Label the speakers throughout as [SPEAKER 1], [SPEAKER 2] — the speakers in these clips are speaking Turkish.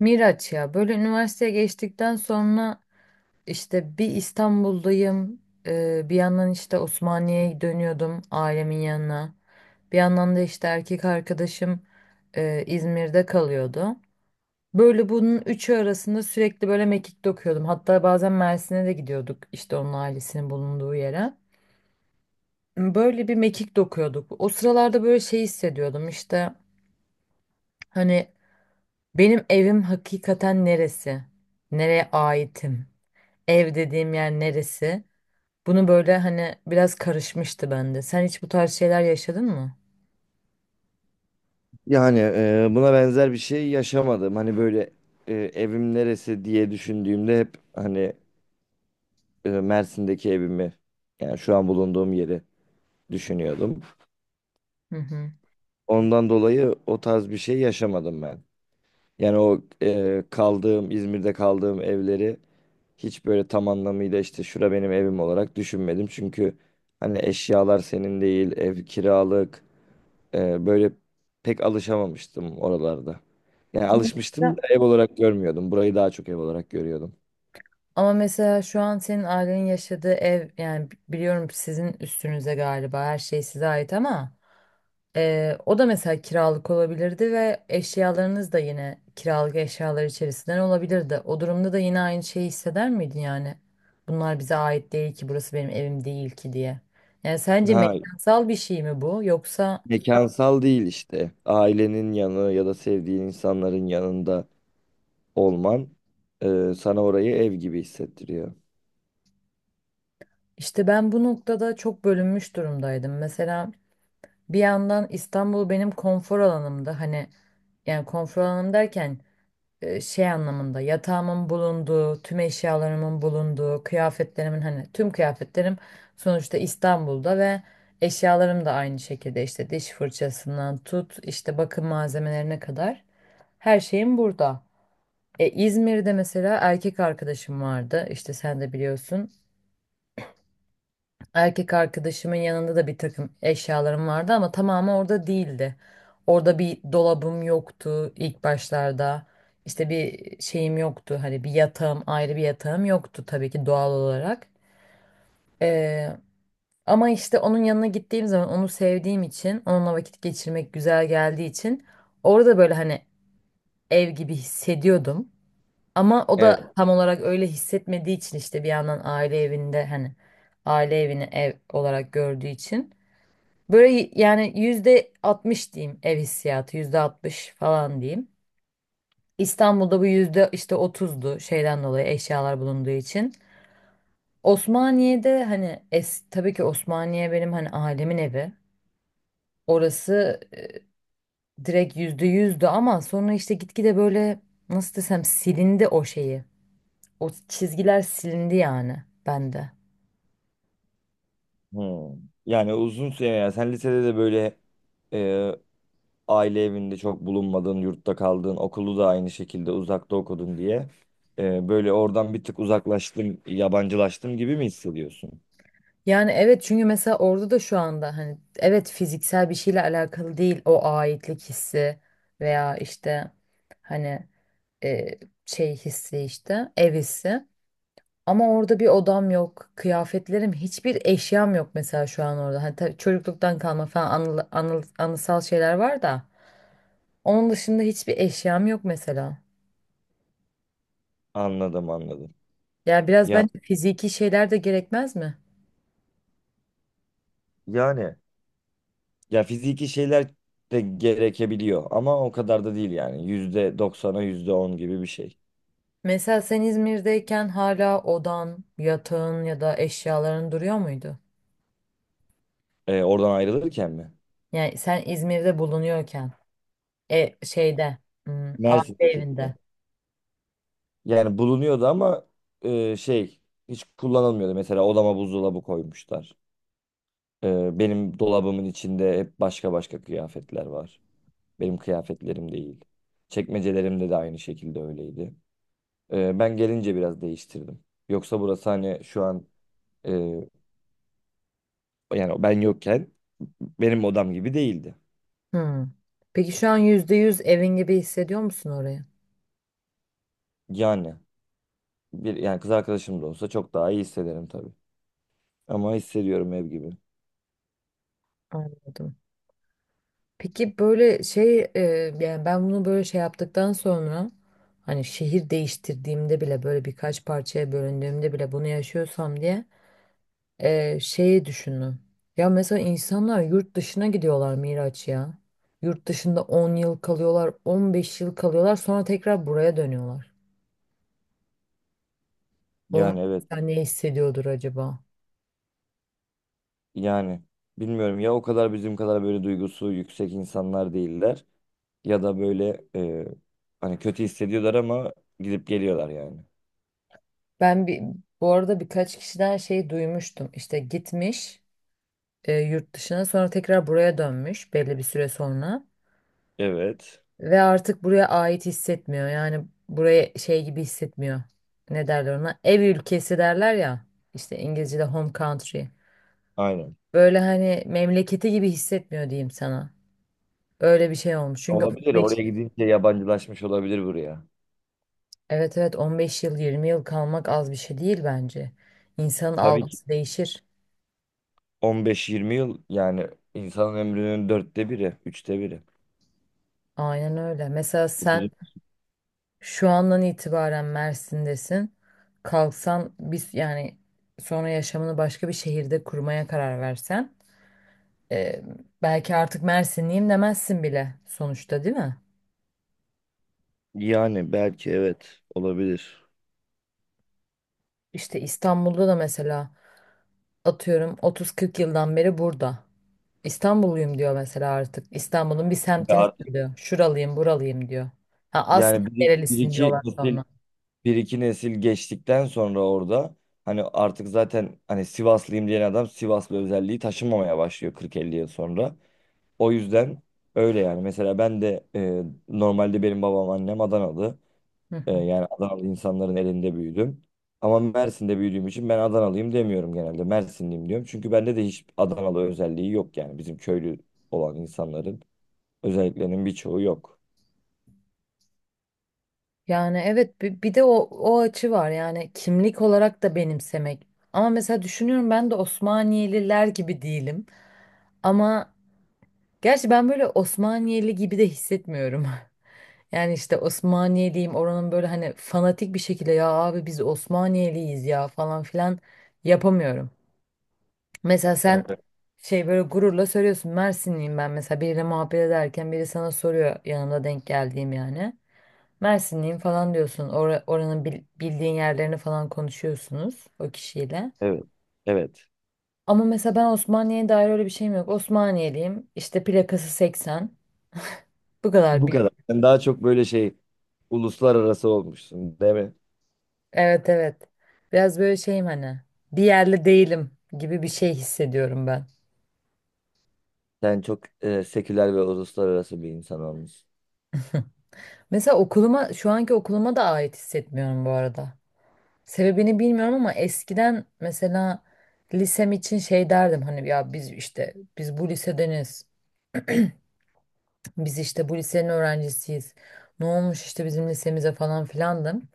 [SPEAKER 1] Miraç ya, böyle üniversiteye geçtikten sonra işte bir İstanbul'dayım, bir yandan işte Osmaniye'ye dönüyordum ailemin yanına, bir yandan da işte erkek arkadaşım İzmir'de kalıyordu. Böyle bunun üçü arasında sürekli böyle mekik dokuyordum, hatta bazen Mersin'e de gidiyorduk, işte onun ailesinin bulunduğu yere. Böyle bir mekik dokuyorduk o sıralarda, böyle şey hissediyordum işte, hani benim evim hakikaten neresi, nereye aitim? Ev dediğim yer neresi? Bunu böyle hani biraz karışmıştı bende. Sen hiç bu tarz şeyler yaşadın mı?
[SPEAKER 2] Yani buna benzer bir şey yaşamadım. Hani böyle evim neresi diye düşündüğümde hep hani Mersin'deki evimi yani şu an bulunduğum yeri düşünüyordum.
[SPEAKER 1] Hı hı.
[SPEAKER 2] Ondan dolayı o tarz bir şey yaşamadım ben. Yani o kaldığım İzmir'de kaldığım evleri hiç böyle tam anlamıyla işte şura benim evim olarak düşünmedim. Çünkü hani eşyalar senin değil, ev kiralık. Böyle pek alışamamıştım oralarda. Yani
[SPEAKER 1] Ama
[SPEAKER 2] alışmıştım
[SPEAKER 1] mesela,
[SPEAKER 2] da ev olarak görmüyordum. Burayı daha çok ev olarak görüyordum.
[SPEAKER 1] ama mesela, şu an senin ailenin yaşadığı ev, yani biliyorum sizin üstünüze galiba her şey size ait, ama o da mesela kiralık olabilirdi ve eşyalarınız da yine kiralık eşyalar içerisinden olabilirdi. O durumda da yine aynı şeyi hisseder miydin yani? Bunlar bize ait değil ki, burası benim evim değil ki diye. Yani sence
[SPEAKER 2] Ha,
[SPEAKER 1] mekansal bir şey mi bu, yoksa?
[SPEAKER 2] mekansal değil işte. Ailenin yanı ya da sevdiğin insanların yanında olman sana orayı ev gibi hissettiriyor.
[SPEAKER 1] İşte ben bu noktada çok bölünmüş durumdaydım. Mesela bir yandan İstanbul benim konfor alanımdı. Hani, yani konfor alanım derken şey anlamında, yatağımın bulunduğu, tüm eşyalarımın bulunduğu, kıyafetlerimin, hani tüm kıyafetlerim sonuçta İstanbul'da, ve eşyalarım da aynı şekilde, işte diş fırçasından tut, işte bakım malzemelerine kadar her şeyim burada. İzmir'de mesela erkek arkadaşım vardı. İşte sen de biliyorsun. Erkek arkadaşımın yanında da bir takım eşyalarım vardı, ama tamamı orada değildi. Orada bir dolabım yoktu ilk başlarda. İşte bir şeyim yoktu. Hani bir yatağım, ayrı bir yatağım yoktu tabii ki, doğal olarak. Ee, ama işte onun yanına gittiğim zaman, onu sevdiğim için, onunla vakit geçirmek güzel geldiği için, orada böyle hani ev gibi hissediyordum. Ama o
[SPEAKER 2] Evet.
[SPEAKER 1] da tam olarak öyle hissetmediği için, işte bir yandan aile evinde, hani aile evini ev olarak gördüğü için, böyle yani %60 diyeyim, ev hissiyatı %60 falan diyeyim. İstanbul'da bu yüzde işte otuzdu, şeyden dolayı, eşyalar bulunduğu için. Osmaniye'de hani tabii ki Osmaniye benim, hani ailemin evi. Orası direkt %100'dü, ama sonra işte gitgide böyle, nasıl desem, silindi o şeyi. O çizgiler silindi yani bende.
[SPEAKER 2] Hmm. Yani uzun süre yani sen lisede de böyle e, aile evinde çok bulunmadın, yurtta kaldın, okulu da aynı şekilde uzakta okudun diye böyle oradan bir tık uzaklaştım, yabancılaştım gibi mi hissediyorsun?
[SPEAKER 1] Yani evet, çünkü mesela orada da şu anda, hani evet, fiziksel bir şeyle alakalı değil o aitlik hissi, veya işte hani e, şey hissi, işte ev hissi. Ama orada bir odam yok, kıyafetlerim, hiçbir eşyam yok mesela şu an orada. Hani tabii çocukluktan kalma falan anısal şeyler var da, onun dışında hiçbir eşyam yok mesela.
[SPEAKER 2] Anladım, anladım.
[SPEAKER 1] Yani biraz
[SPEAKER 2] Ya,
[SPEAKER 1] bence fiziki şeyler de gerekmez mi?
[SPEAKER 2] yani ya fiziki şeyler de gerekebiliyor ama o kadar da değil yani. Yüzde doksana yüzde on gibi bir şey.
[SPEAKER 1] Mesela sen İzmir'deyken hala odan, yatağın ya da eşyaların duruyor muydu?
[SPEAKER 2] Oradan ayrılırken mi?
[SPEAKER 1] Yani sen İzmir'de bulunuyorken, şeyde, aile
[SPEAKER 2] Mersin'deki gibi.
[SPEAKER 1] evinde.
[SPEAKER 2] Yani bulunuyordu ama e, şey hiç kullanılmıyordu. Mesela odama buzdolabı koymuşlar. Benim dolabımın içinde hep başka başka kıyafetler var. Benim kıyafetlerim değil. Çekmecelerimde de aynı şekilde öyleydi. Ben gelince biraz değiştirdim. Yoksa burası hani şu an e, yani ben yokken benim odam gibi değildi.
[SPEAKER 1] Hmm. Peki şu an %100 evin gibi hissediyor musun orayı?
[SPEAKER 2] Yani bir yani kız arkadaşım da olsa çok daha iyi hissederim tabii. Ama hissediyorum ev gibi.
[SPEAKER 1] Anladım. Peki böyle şey, yani ben bunu böyle şey yaptıktan sonra, hani şehir değiştirdiğimde bile, böyle birkaç parçaya bölündüğümde bile bunu yaşıyorsam diye. Şeyi düşünün. Ya mesela insanlar yurt dışına gidiyorlar Miraç ya. Yurt dışında 10 yıl kalıyorlar, 15 yıl kalıyorlar, sonra tekrar buraya dönüyorlar. Onlar
[SPEAKER 2] Yani evet,
[SPEAKER 1] mesela ne hissediyordur acaba?
[SPEAKER 2] yani bilmiyorum ya, o kadar bizim kadar böyle duygusu yüksek insanlar değiller ya da böyle hani kötü hissediyorlar ama gidip geliyorlar yani.
[SPEAKER 1] Ben bir, bu arada birkaç kişiden şey duymuştum. İşte gitmiş yurt dışına, sonra tekrar buraya dönmüş belli bir süre sonra
[SPEAKER 2] Evet.
[SPEAKER 1] ve artık buraya ait hissetmiyor. Yani buraya şey gibi hissetmiyor. Ne derler ona? Ev ülkesi derler ya. İşte İngilizce'de home country.
[SPEAKER 2] Aynen.
[SPEAKER 1] Böyle hani memleketi gibi hissetmiyor diyeyim sana. Öyle bir şey olmuş. Çünkü
[SPEAKER 2] Olabilir.
[SPEAKER 1] 15,
[SPEAKER 2] Oraya gidince yabancılaşmış olabilir buraya.
[SPEAKER 1] Evet evet, 15 yıl 20 yıl kalmak az bir şey değil bence. İnsanın
[SPEAKER 2] Tabii ki
[SPEAKER 1] algısı değişir.
[SPEAKER 2] 15-20 yıl yani insanın ömrünün dörtte biri, üçte biri.
[SPEAKER 1] Aynen öyle. Mesela sen şu andan itibaren Mersin'desin. Kalksan, biz yani, sonra yaşamını başka bir şehirde kurmaya karar versen, e, belki artık Mersinliyim demezsin bile sonuçta, değil mi?
[SPEAKER 2] Yani belki evet, olabilir.
[SPEAKER 1] İşte İstanbul'da da mesela atıyorum 30-40 yıldan beri burada. İstanbulluyum diyor mesela artık. İstanbul'un bir
[SPEAKER 2] Ve
[SPEAKER 1] semtini
[SPEAKER 2] artık
[SPEAKER 1] söylüyor. Şuralıyım, buralıyım diyor. Ha, aslında
[SPEAKER 2] yani bir, bir
[SPEAKER 1] nerelisin
[SPEAKER 2] iki
[SPEAKER 1] diyorlar
[SPEAKER 2] nesil,
[SPEAKER 1] sonra.
[SPEAKER 2] bir iki nesil geçtikten sonra orada hani artık zaten hani Sivaslıyım diyen adam Sivaslı özelliği taşınmamaya başlıyor 40-50 yıl sonra. O yüzden öyle yani. Mesela ben de normalde benim babam annem Adanalı.
[SPEAKER 1] Hı hı.
[SPEAKER 2] Yani Adanalı insanların elinde büyüdüm. Ama Mersin'de büyüdüğüm için ben Adanalıyım demiyorum genelde. Mersinliyim diyorum. Çünkü bende de hiç Adanalı özelliği yok yani bizim köylü olan insanların. Özelliklerinin birçoğu yok.
[SPEAKER 1] Yani evet, bir de o açı var, yani kimlik olarak da benimsemek. Ama mesela düşünüyorum, ben de Osmaniyeliler gibi değilim. Ama Gerçi ben böyle Osmaniyeli gibi de hissetmiyorum. Yani işte Osmaniyeliyim, oranın böyle hani fanatik bir şekilde, ya abi biz Osmaniyeliyiz ya, falan filan yapamıyorum. Mesela sen
[SPEAKER 2] Evet,
[SPEAKER 1] şey, böyle gururla söylüyorsun Mersinliyim, ben mesela biriyle muhabbet ederken, biri sana soruyor yanımda denk geldiğim yani. Mersinliyim falan diyorsun, oranın bildiğin yerlerini falan konuşuyorsunuz o kişiyle.
[SPEAKER 2] evet. Evet.
[SPEAKER 1] Ama mesela ben Osmaniye'ye dair öyle bir şeyim yok. Osmaniyeliyim işte, plakası 80, bu kadar.
[SPEAKER 2] Bu kadar. Sen daha çok böyle şey, uluslararası olmuşsun, değil mi?
[SPEAKER 1] Evet evet. Biraz böyle şeyim, hani bir yerli değilim gibi bir şey hissediyorum ben.
[SPEAKER 2] Sen çok seküler ve uluslararası bir insan olmuşsun.
[SPEAKER 1] Mesela okuluma, şu anki okuluma da ait hissetmiyorum bu arada. Sebebini bilmiyorum ama eskiden mesela lisem için şey derdim, hani ya biz işte, biz bu lisedeniz. Biz işte bu lisenin öğrencisiyiz. Ne olmuş işte bizim lisemize falan filandım.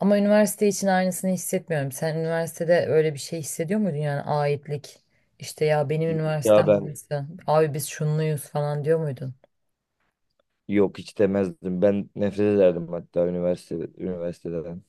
[SPEAKER 1] Ama üniversite için aynısını hissetmiyorum. Sen üniversitede öyle bir şey hissediyor muydun, yani aitlik? İşte ya benim
[SPEAKER 2] Ya
[SPEAKER 1] üniversitem
[SPEAKER 2] ben
[SPEAKER 1] burası. Abi biz şunluyuz falan diyor muydun?
[SPEAKER 2] yok, hiç demezdim. Ben nefret ederdim hatta üniversiteden.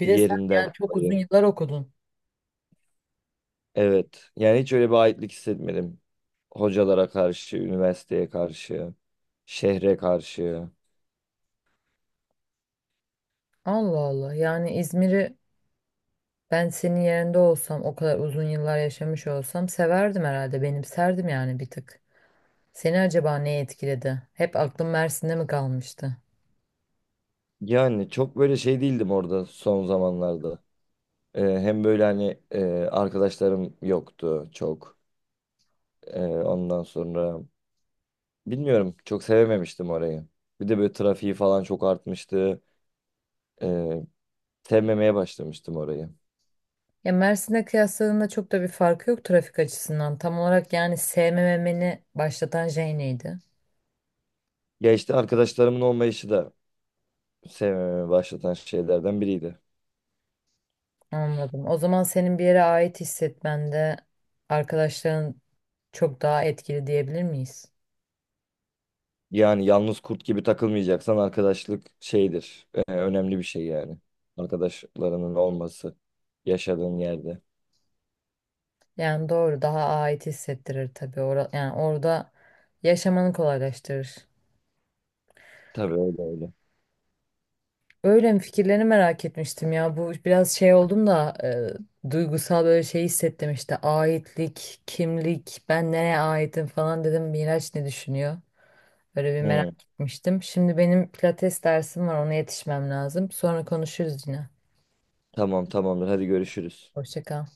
[SPEAKER 1] Bir de sen
[SPEAKER 2] Yerinden
[SPEAKER 1] yani çok uzun
[SPEAKER 2] dolayı.
[SPEAKER 1] yıllar okudun.
[SPEAKER 2] Evet. Yani hiç öyle bir aitlik hissetmedim. Hocalara karşı, üniversiteye karşı, şehre karşı.
[SPEAKER 1] Allah Allah. Yani İzmir'i, ben senin yerinde olsam, o kadar uzun yıllar yaşamış olsam severdim herhalde. Benimserdim yani bir tık. Seni acaba ne etkiledi? Hep aklım Mersin'de mi kalmıştı?
[SPEAKER 2] Yani çok böyle şey değildim orada son zamanlarda. Hem böyle hani arkadaşlarım yoktu çok. Ondan sonra bilmiyorum, çok sevememiştim orayı. Bir de böyle trafiği falan çok artmıştı. Ee, Sevmemeye başlamıştım orayı.
[SPEAKER 1] Ya Mersin'e kıyasladığında çok da bir farkı yok trafik açısından. Tam olarak yani sevmemeni başlatan şey neydi?
[SPEAKER 2] Ya işte arkadaşlarımın olmayışı da sevmemeye başlatan şeylerden biriydi.
[SPEAKER 1] Anladım. O zaman senin bir yere ait hissetmende arkadaşların çok daha etkili diyebilir miyiz?
[SPEAKER 2] Yani yalnız kurt gibi takılmayacaksan arkadaşlık şeydir. Önemli bir şey yani. Arkadaşlarının olması yaşadığın yerde.
[SPEAKER 1] Yani doğru, daha ait hissettirir tabii. Yani orada yaşamanı kolaylaştırır.
[SPEAKER 2] Tabii, öyle öyle.
[SPEAKER 1] Öyle mi? Fikirlerini merak etmiştim ya. Bu biraz şey oldum da, duygusal böyle şey hissettim işte. Aitlik, kimlik, ben nereye aitim falan dedim. Miraç ne düşünüyor? Böyle bir merak
[SPEAKER 2] Hı,
[SPEAKER 1] etmiştim. Şimdi benim pilates dersim var. Ona yetişmem lazım. Sonra konuşuruz yine.
[SPEAKER 2] tamam, tamamdır, hadi görüşürüz.
[SPEAKER 1] Hoşça kal.